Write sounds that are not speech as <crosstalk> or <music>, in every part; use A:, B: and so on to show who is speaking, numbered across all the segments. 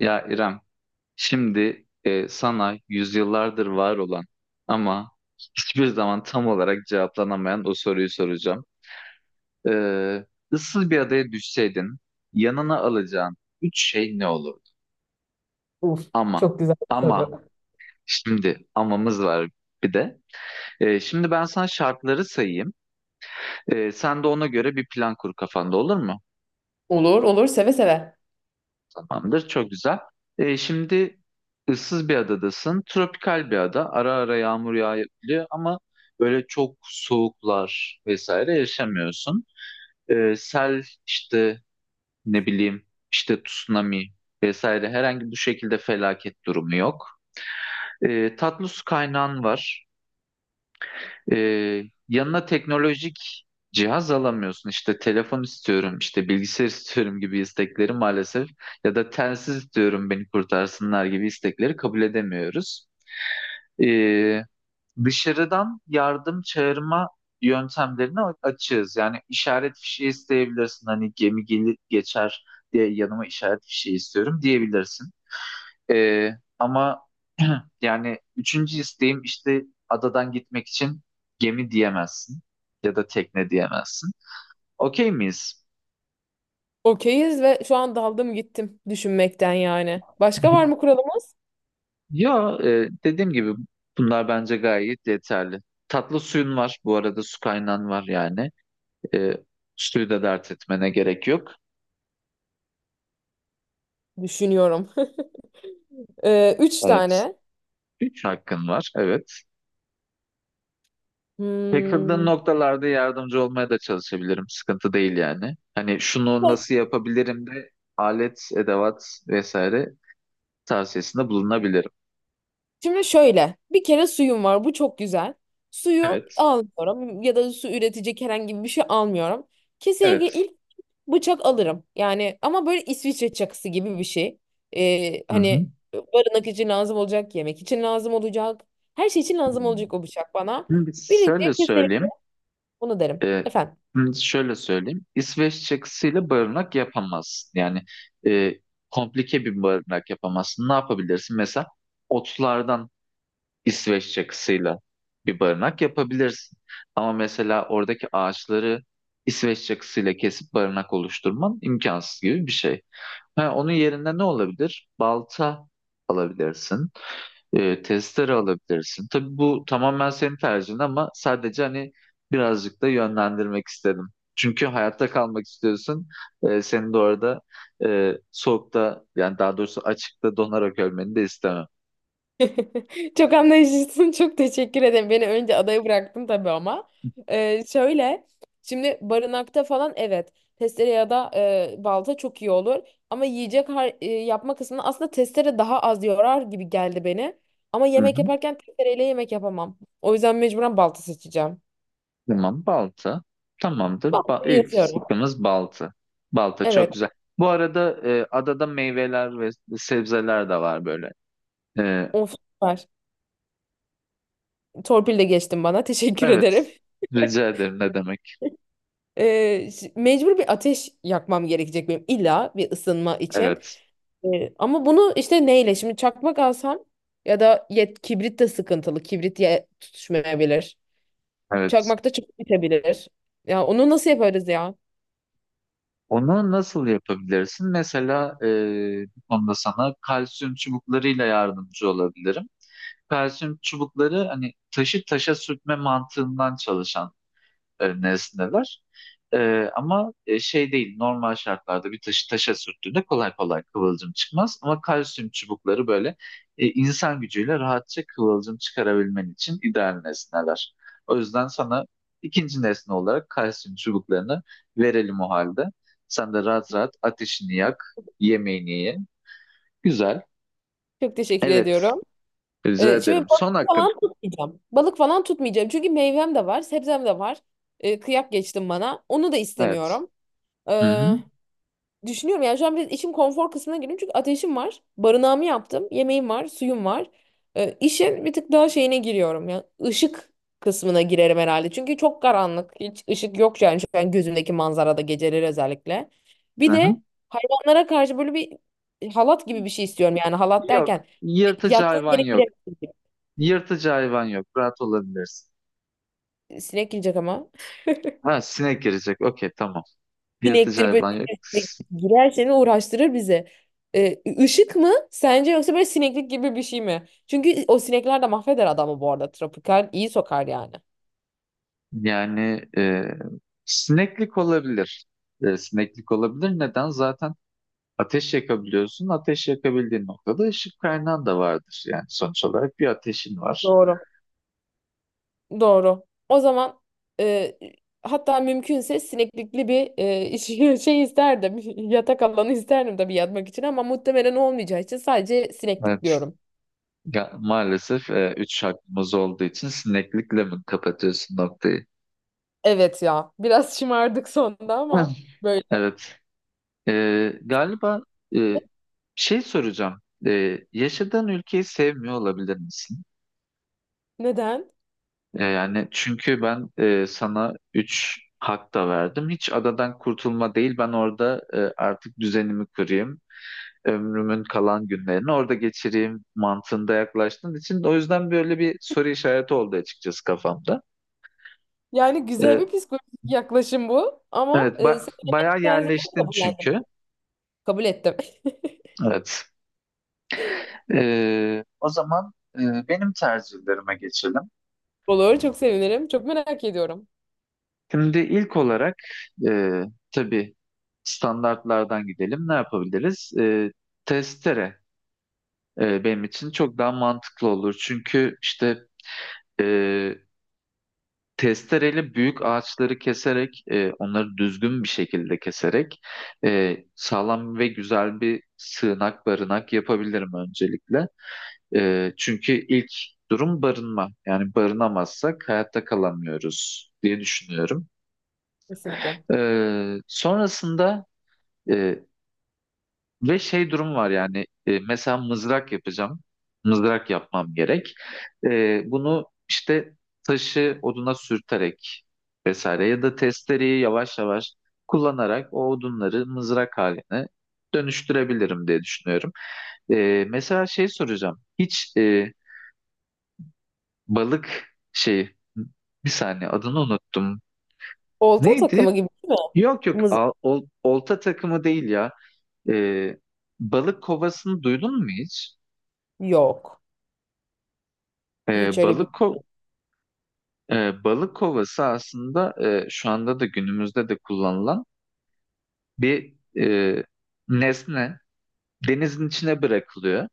A: Ya İrem, şimdi sana yüzyıllardır var olan ama hiçbir zaman tam olarak cevaplanamayan o soruyu soracağım. Ee, ıssız bir adaya düşseydin, yanına alacağın üç şey ne olurdu?
B: Uf,
A: Ama,
B: çok güzel bir
A: ama,
B: soru.
A: şimdi amamız var bir de. Şimdi ben sana şartları sayayım. Sen de ona göre bir plan kur kafanda olur mu?
B: Olur olur, seve seve.
A: Tamamdır. Çok güzel. Şimdi ıssız bir adadasın. Tropikal bir ada. Ara ara yağmur yağabiliyor ama böyle çok soğuklar vesaire yaşamıyorsun. Sel işte ne bileyim işte tsunami vesaire herhangi bu şekilde felaket durumu yok. Tatlı su kaynağın var. Ee, Yanına teknolojik cihaz alamıyorsun. İşte telefon istiyorum, işte bilgisayar <laughs> istiyorum gibi istekleri maalesef ya da telsiz istiyorum beni kurtarsınlar gibi istekleri kabul edemiyoruz. Ee, Dışarıdan yardım çağırma yöntemlerini açığız. Yani işaret fişeği isteyebilirsin. Hani gemi gelip geçer diye yanıma işaret fişeği istiyorum diyebilirsin. Ee, ama <clears throat> yani üçüncü isteğim işte adadan gitmek için gemi diyemezsin ya da tekne diyemezsin. Okey miyiz?
B: Okeyiz, ve şu an daldım gittim düşünmekten yani. Başka var mı
A: <laughs>
B: kuralımız?
A: Ya dediğim gibi bunlar bence gayet yeterli. Tatlı suyun var bu arada su kaynağın var yani. E, Suyu da dert etmene gerek yok.
B: Düşünüyorum. <laughs> Üç
A: Evet.
B: tane.
A: Üç hakkın var evet. Takıldığın
B: Hmm.
A: noktalarda yardımcı olmaya da çalışabilirim. Sıkıntı değil yani. Hani şunu nasıl yapabilirim de alet, edevat vesaire tavsiyesinde bulunabilirim.
B: Şimdi şöyle, bir kere suyum var. Bu çok güzel. Suyu
A: Evet.
B: almıyorum ya da su üretecek herhangi bir şey almıyorum. Kesinlikle
A: Evet.
B: ilk bıçak alırım. Yani ama böyle İsviçre çakısı gibi bir şey.
A: Hı hı.
B: Hani barınak için lazım olacak, yemek için lazım olacak. Her şey için lazım olacak o bıçak bana.
A: Şimdi
B: Birinci
A: şöyle
B: kesinlikle
A: söyleyeyim.
B: bunu derim.
A: E,
B: Efendim.
A: Şimdi şöyle söyleyeyim. İsveç çakısıyla barınak yapamazsın. Yani e, komplike bir barınak yapamazsın. Ne yapabilirsin? Mesela otlardan İsveç çakısıyla bir barınak yapabilirsin. Ama mesela oradaki ağaçları İsveç çakısıyla kesip barınak oluşturman imkansız gibi bir şey. Ha, onun yerine ne olabilir? Balta alabilirsin, testere alabilirsin. Tabii bu tamamen senin tercihin ama sadece hani birazcık da yönlendirmek istedim. Çünkü hayatta kalmak istiyorsun. Senin de orada soğukta yani daha doğrusu açıkta donarak ölmeni de istemem.
B: <laughs> Çok anlayışlısın. Çok teşekkür ederim. Beni önce adaya bıraktın tabii ama. Şöyle, şimdi barınakta falan, evet, testere ya da balta çok iyi olur. Ama yiyecek yapma kısmında aslında testere daha az yorar gibi geldi beni. Ama
A: Hı
B: yemek
A: hı.
B: yaparken testereyle yemek yapamam. O yüzden mecburen balta seçeceğim.
A: Tamam balta. Tamamdır. Ba
B: Baltayı
A: ilk
B: yazıyorum.
A: sıkımız balta. Balta
B: Evet.
A: çok güzel. Bu arada adada meyveler ve sebzeler de var böyle. E,
B: Of, süper. Torpil de geçtin bana. <laughs> Teşekkür
A: evet.
B: ederim.
A: Rica ederim ne demek.
B: Mecbur bir ateş yakmam gerekecek benim, illa bir ısınma için.
A: Evet.
B: Ama bunu işte neyle? Şimdi çakmak alsam ya da kibrit de sıkıntılı. Kibrit tutuşmayabilir.
A: Evet.
B: Çakmak da çabuk bitebilir. Ya onu nasıl yaparız ya?
A: Onu nasıl yapabilirsin? Mesela bu konuda sana kalsiyum çubuklarıyla yardımcı olabilirim. Kalsiyum çubukları hani taşı taşa sürtme mantığından çalışan neresindeler. E, Ama şey değil normal şartlarda bir taşı taşa sürttüğünde kolay kolay kıvılcım çıkmaz. Ama kalsiyum çubukları böyle insan gücüyle rahatça kıvılcım çıkarabilmen için ideal nesneler. O yüzden sana ikinci nesne olarak kalsiyum çubuklarını verelim o halde. Sen de rahat rahat ateşini yak, yemeğini ye. Güzel.
B: Çok teşekkür
A: Evet,
B: ediyorum.
A: rica ederim.
B: Şimdi balık
A: Son hakkın.
B: falan tutmayacağım. Balık falan tutmayacağım. Çünkü meyvem de var, sebzem de var. Kıyak geçtim bana. Onu da
A: Evet.
B: istemiyorum.
A: Hı hı.
B: Ee, Düşünüyorum yani şu an biraz işim konfor kısmına girdim, çünkü ateşim var, barınağımı yaptım, yemeğim var, suyum var. İşin bir tık daha şeyine giriyorum, yani ışık kısmına girerim herhalde. Çünkü çok karanlık, hiç ışık yok yani şu an gözümdeki manzarada, geceleri özellikle.
A: Hı
B: Bir
A: hı.
B: de hayvanlara karşı böyle bir halat gibi bir şey istiyorum, yani halat
A: Yok.
B: derken
A: Yırtıcı
B: yattığım
A: hayvan
B: yere
A: yok.
B: giremezsin.
A: Yırtıcı hayvan yok. Rahat olabilirsin.
B: Sinek girecek ama.
A: Ha sinek girecek. Okey tamam. Yırtıcı
B: Sinektir,
A: hayvan yok.
B: böcektir,
A: S-
B: girer seni uğraştırır bizi. Işık mı sence, yoksa böyle sineklik gibi bir şey mi? Çünkü o sinekler de mahveder adamı bu arada. Tropikal iyi sokar yani.
A: Yani sineklik olabilir. Sineklik olabilir. Neden? Zaten ateş yakabiliyorsun. Ateş yakabildiğin noktada ışık kaynağın da vardır. Yani sonuç olarak bir ateşin var.
B: Doğru. Doğru. O zaman e, hatta mümkünse sineklikli bir <laughs> şey isterdim. <laughs> Yatak alanı isterdim tabii yatmak için, ama muhtemelen olmayacağı için sadece sineklik
A: Evet.
B: diyorum.
A: Ya, maalesef üç hakkımız olduğu için sineklikle mi kapatıyorsun noktayı?
B: Evet ya. Biraz <laughs> şımardık sonunda ama
A: <laughs>
B: böyle.
A: Evet. E, Galiba e, şey soracağım. Yaşadığın ülkeyi sevmiyor olabilir misin?
B: Neden?
A: Yani çünkü ben sana 3 hak da verdim. Hiç adadan kurtulma değil. Ben orada artık düzenimi kurayım. Ömrümün kalan günlerini orada geçireyim mantığında yaklaştığın için. O yüzden böyle bir soru işareti oldu açıkçası kafamda.
B: Yani güzel
A: Ee,
B: bir psikolojik yaklaşım bu, ama
A: evet, ba-
B: seni
A: bayağı
B: yemekten ziyade
A: yerleştin
B: kabullendim.
A: çünkü.
B: Kabul ettim.
A: Evet. O zaman benim tercihlerime geçelim.
B: <laughs> Olur. Çok sevinirim. Çok merak ediyorum.
A: Şimdi ilk olarak e, tabii standartlardan gidelim. Ne yapabiliriz? Testere benim için çok daha mantıklı olur. Çünkü işte e, testereyle büyük ağaçları keserek, onları düzgün bir şekilde keserek sağlam ve güzel bir sığınak barınak yapabilirim öncelikle. Çünkü ilk durum barınma. Yani barınamazsak hayatta kalamıyoruz diye düşünüyorum.
B: Kesinlikle.
A: E, sonrasında Ee, Ve şey durum var yani mesela mızrak yapacağım. Mızrak yapmam gerek. Bunu işte taşı oduna sürterek vesaire ya da testereyi yavaş yavaş kullanarak o odunları mızrak haline dönüştürebilirim diye düşünüyorum. Mesela şey soracağım. Hiç balık şey bir saniye adını unuttum.
B: Olta
A: Neydi?
B: takımı gibi değil mi?
A: Yok yok
B: Mızı-
A: olta takımı değil ya. Ee, Balık kovasını duydun mu hiç?
B: Yok. Hiç
A: Ee,
B: öyle bir...
A: balık ko- Balık kovası aslında şu anda da günümüzde de kullanılan bir e, nesne. Denizin içine bırakılıyor.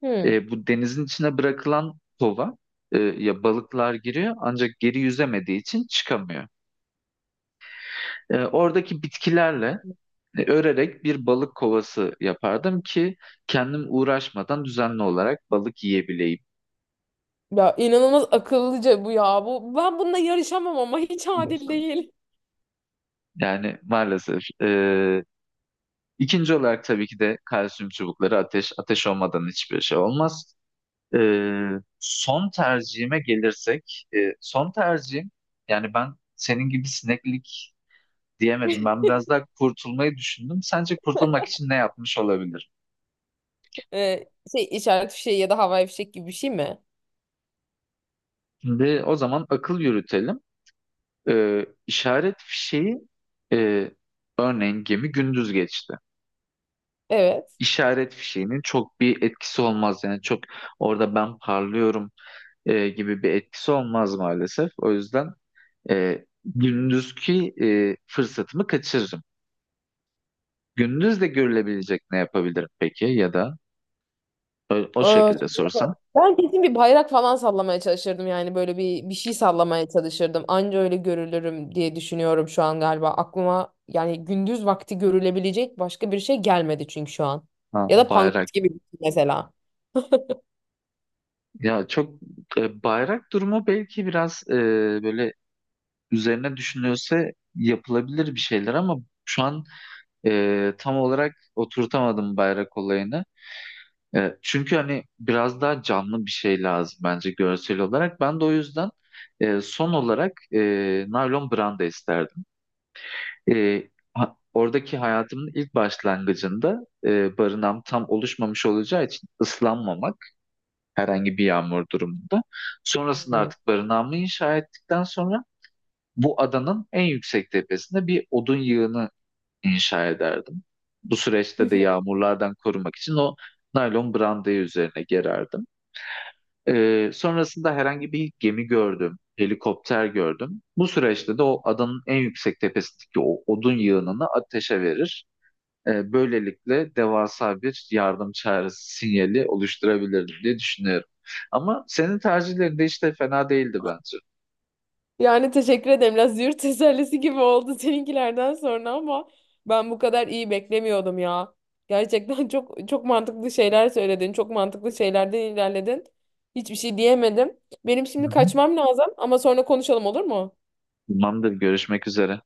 B: Hmm.
A: Bu denizin içine bırakılan kova ya balıklar giriyor ancak geri yüzemediği için çıkamıyor. Oradaki bitkilerle örerek bir balık kovası yapardım ki kendim uğraşmadan düzenli olarak balık yiyebileyim.
B: Ya inanılmaz akıllıca bu ya. Bu, ben bununla yarışamam ama, hiç adil değil.
A: Yani maalesef İkinci olarak tabii ki de kalsiyum çubukları ateş olmadan hiçbir şey olmaz. Ee, Son tercihime gelirsek, son tercihim yani ben senin gibi sineklik diyemedim. Ben biraz daha kurtulmayı düşündüm. Sence kurtulmak için ne yapmış olabilir?
B: Şey, işaret fişeği ya da havai fişek gibi bir şey mi?
A: Şimdi o zaman akıl yürütelim. İşaret fişeği e, örneğin gemi gündüz geçti.
B: Evet.
A: İşaret fişeğinin çok bir etkisi olmaz yani çok orada ben parlıyorum gibi bir etkisi olmaz maalesef. O yüzden gündüzki fırsatımı kaçırırım. Gündüz de görülebilecek ne yapabilirim peki ya da o
B: Aa, çok
A: şekilde
B: güzel.
A: sorsam.
B: Ben kesin bir bayrak falan sallamaya çalışırdım, yani böyle bir şey sallamaya çalışırdım. Anca öyle görülürüm diye düşünüyorum şu an galiba. Aklıma yani gündüz vakti görülebilecek başka bir şey gelmedi çünkü şu an.
A: Ha,
B: Ya da
A: bayrak.
B: pankart gibi bir şey mesela.
A: Ya çok bayrak durumu belki biraz böyle üzerine düşünülse yapılabilir bir şeyler ama şu an tam olarak oturtamadım bayrak olayını. Çünkü hani biraz daha canlı bir şey lazım bence görsel olarak. Ben de o yüzden son olarak naylon branda isterdim. E, Oradaki hayatımın ilk başlangıcında barınağım tam oluşmamış olacağı için ıslanmamak herhangi bir yağmur durumunda. Sonrasında
B: Hmm.
A: artık barınağımı inşa ettikten sonra bu adanın en yüksek tepesinde bir odun yığını inşa ederdim. Bu
B: Hı
A: süreçte de
B: hı.
A: yağmurlardan korumak için o naylon brandayı üzerine gererdim. Sonrasında herhangi bir gemi gördüm, helikopter gördüm. Bu süreçte de o adanın en yüksek tepesindeki o odun yığınını ateşe verir. Böylelikle devasa bir yardım çağrısı sinyali oluşturabilirim diye düşünüyorum. Ama senin tercihlerin de işte fena değildi bence.
B: Yani teşekkür ederim. Biraz yurt <laughs> tesellisi gibi oldu seninkilerden sonra, ama ben bu kadar iyi beklemiyordum ya. Gerçekten <laughs> çok çok mantıklı şeyler söyledin. Çok mantıklı şeylerden ilerledin. Hiçbir şey diyemedim. Benim şimdi
A: Hı hı.
B: kaçmam lazım, ama sonra konuşalım, olur mu?
A: Tamamdır, görüşmek üzere.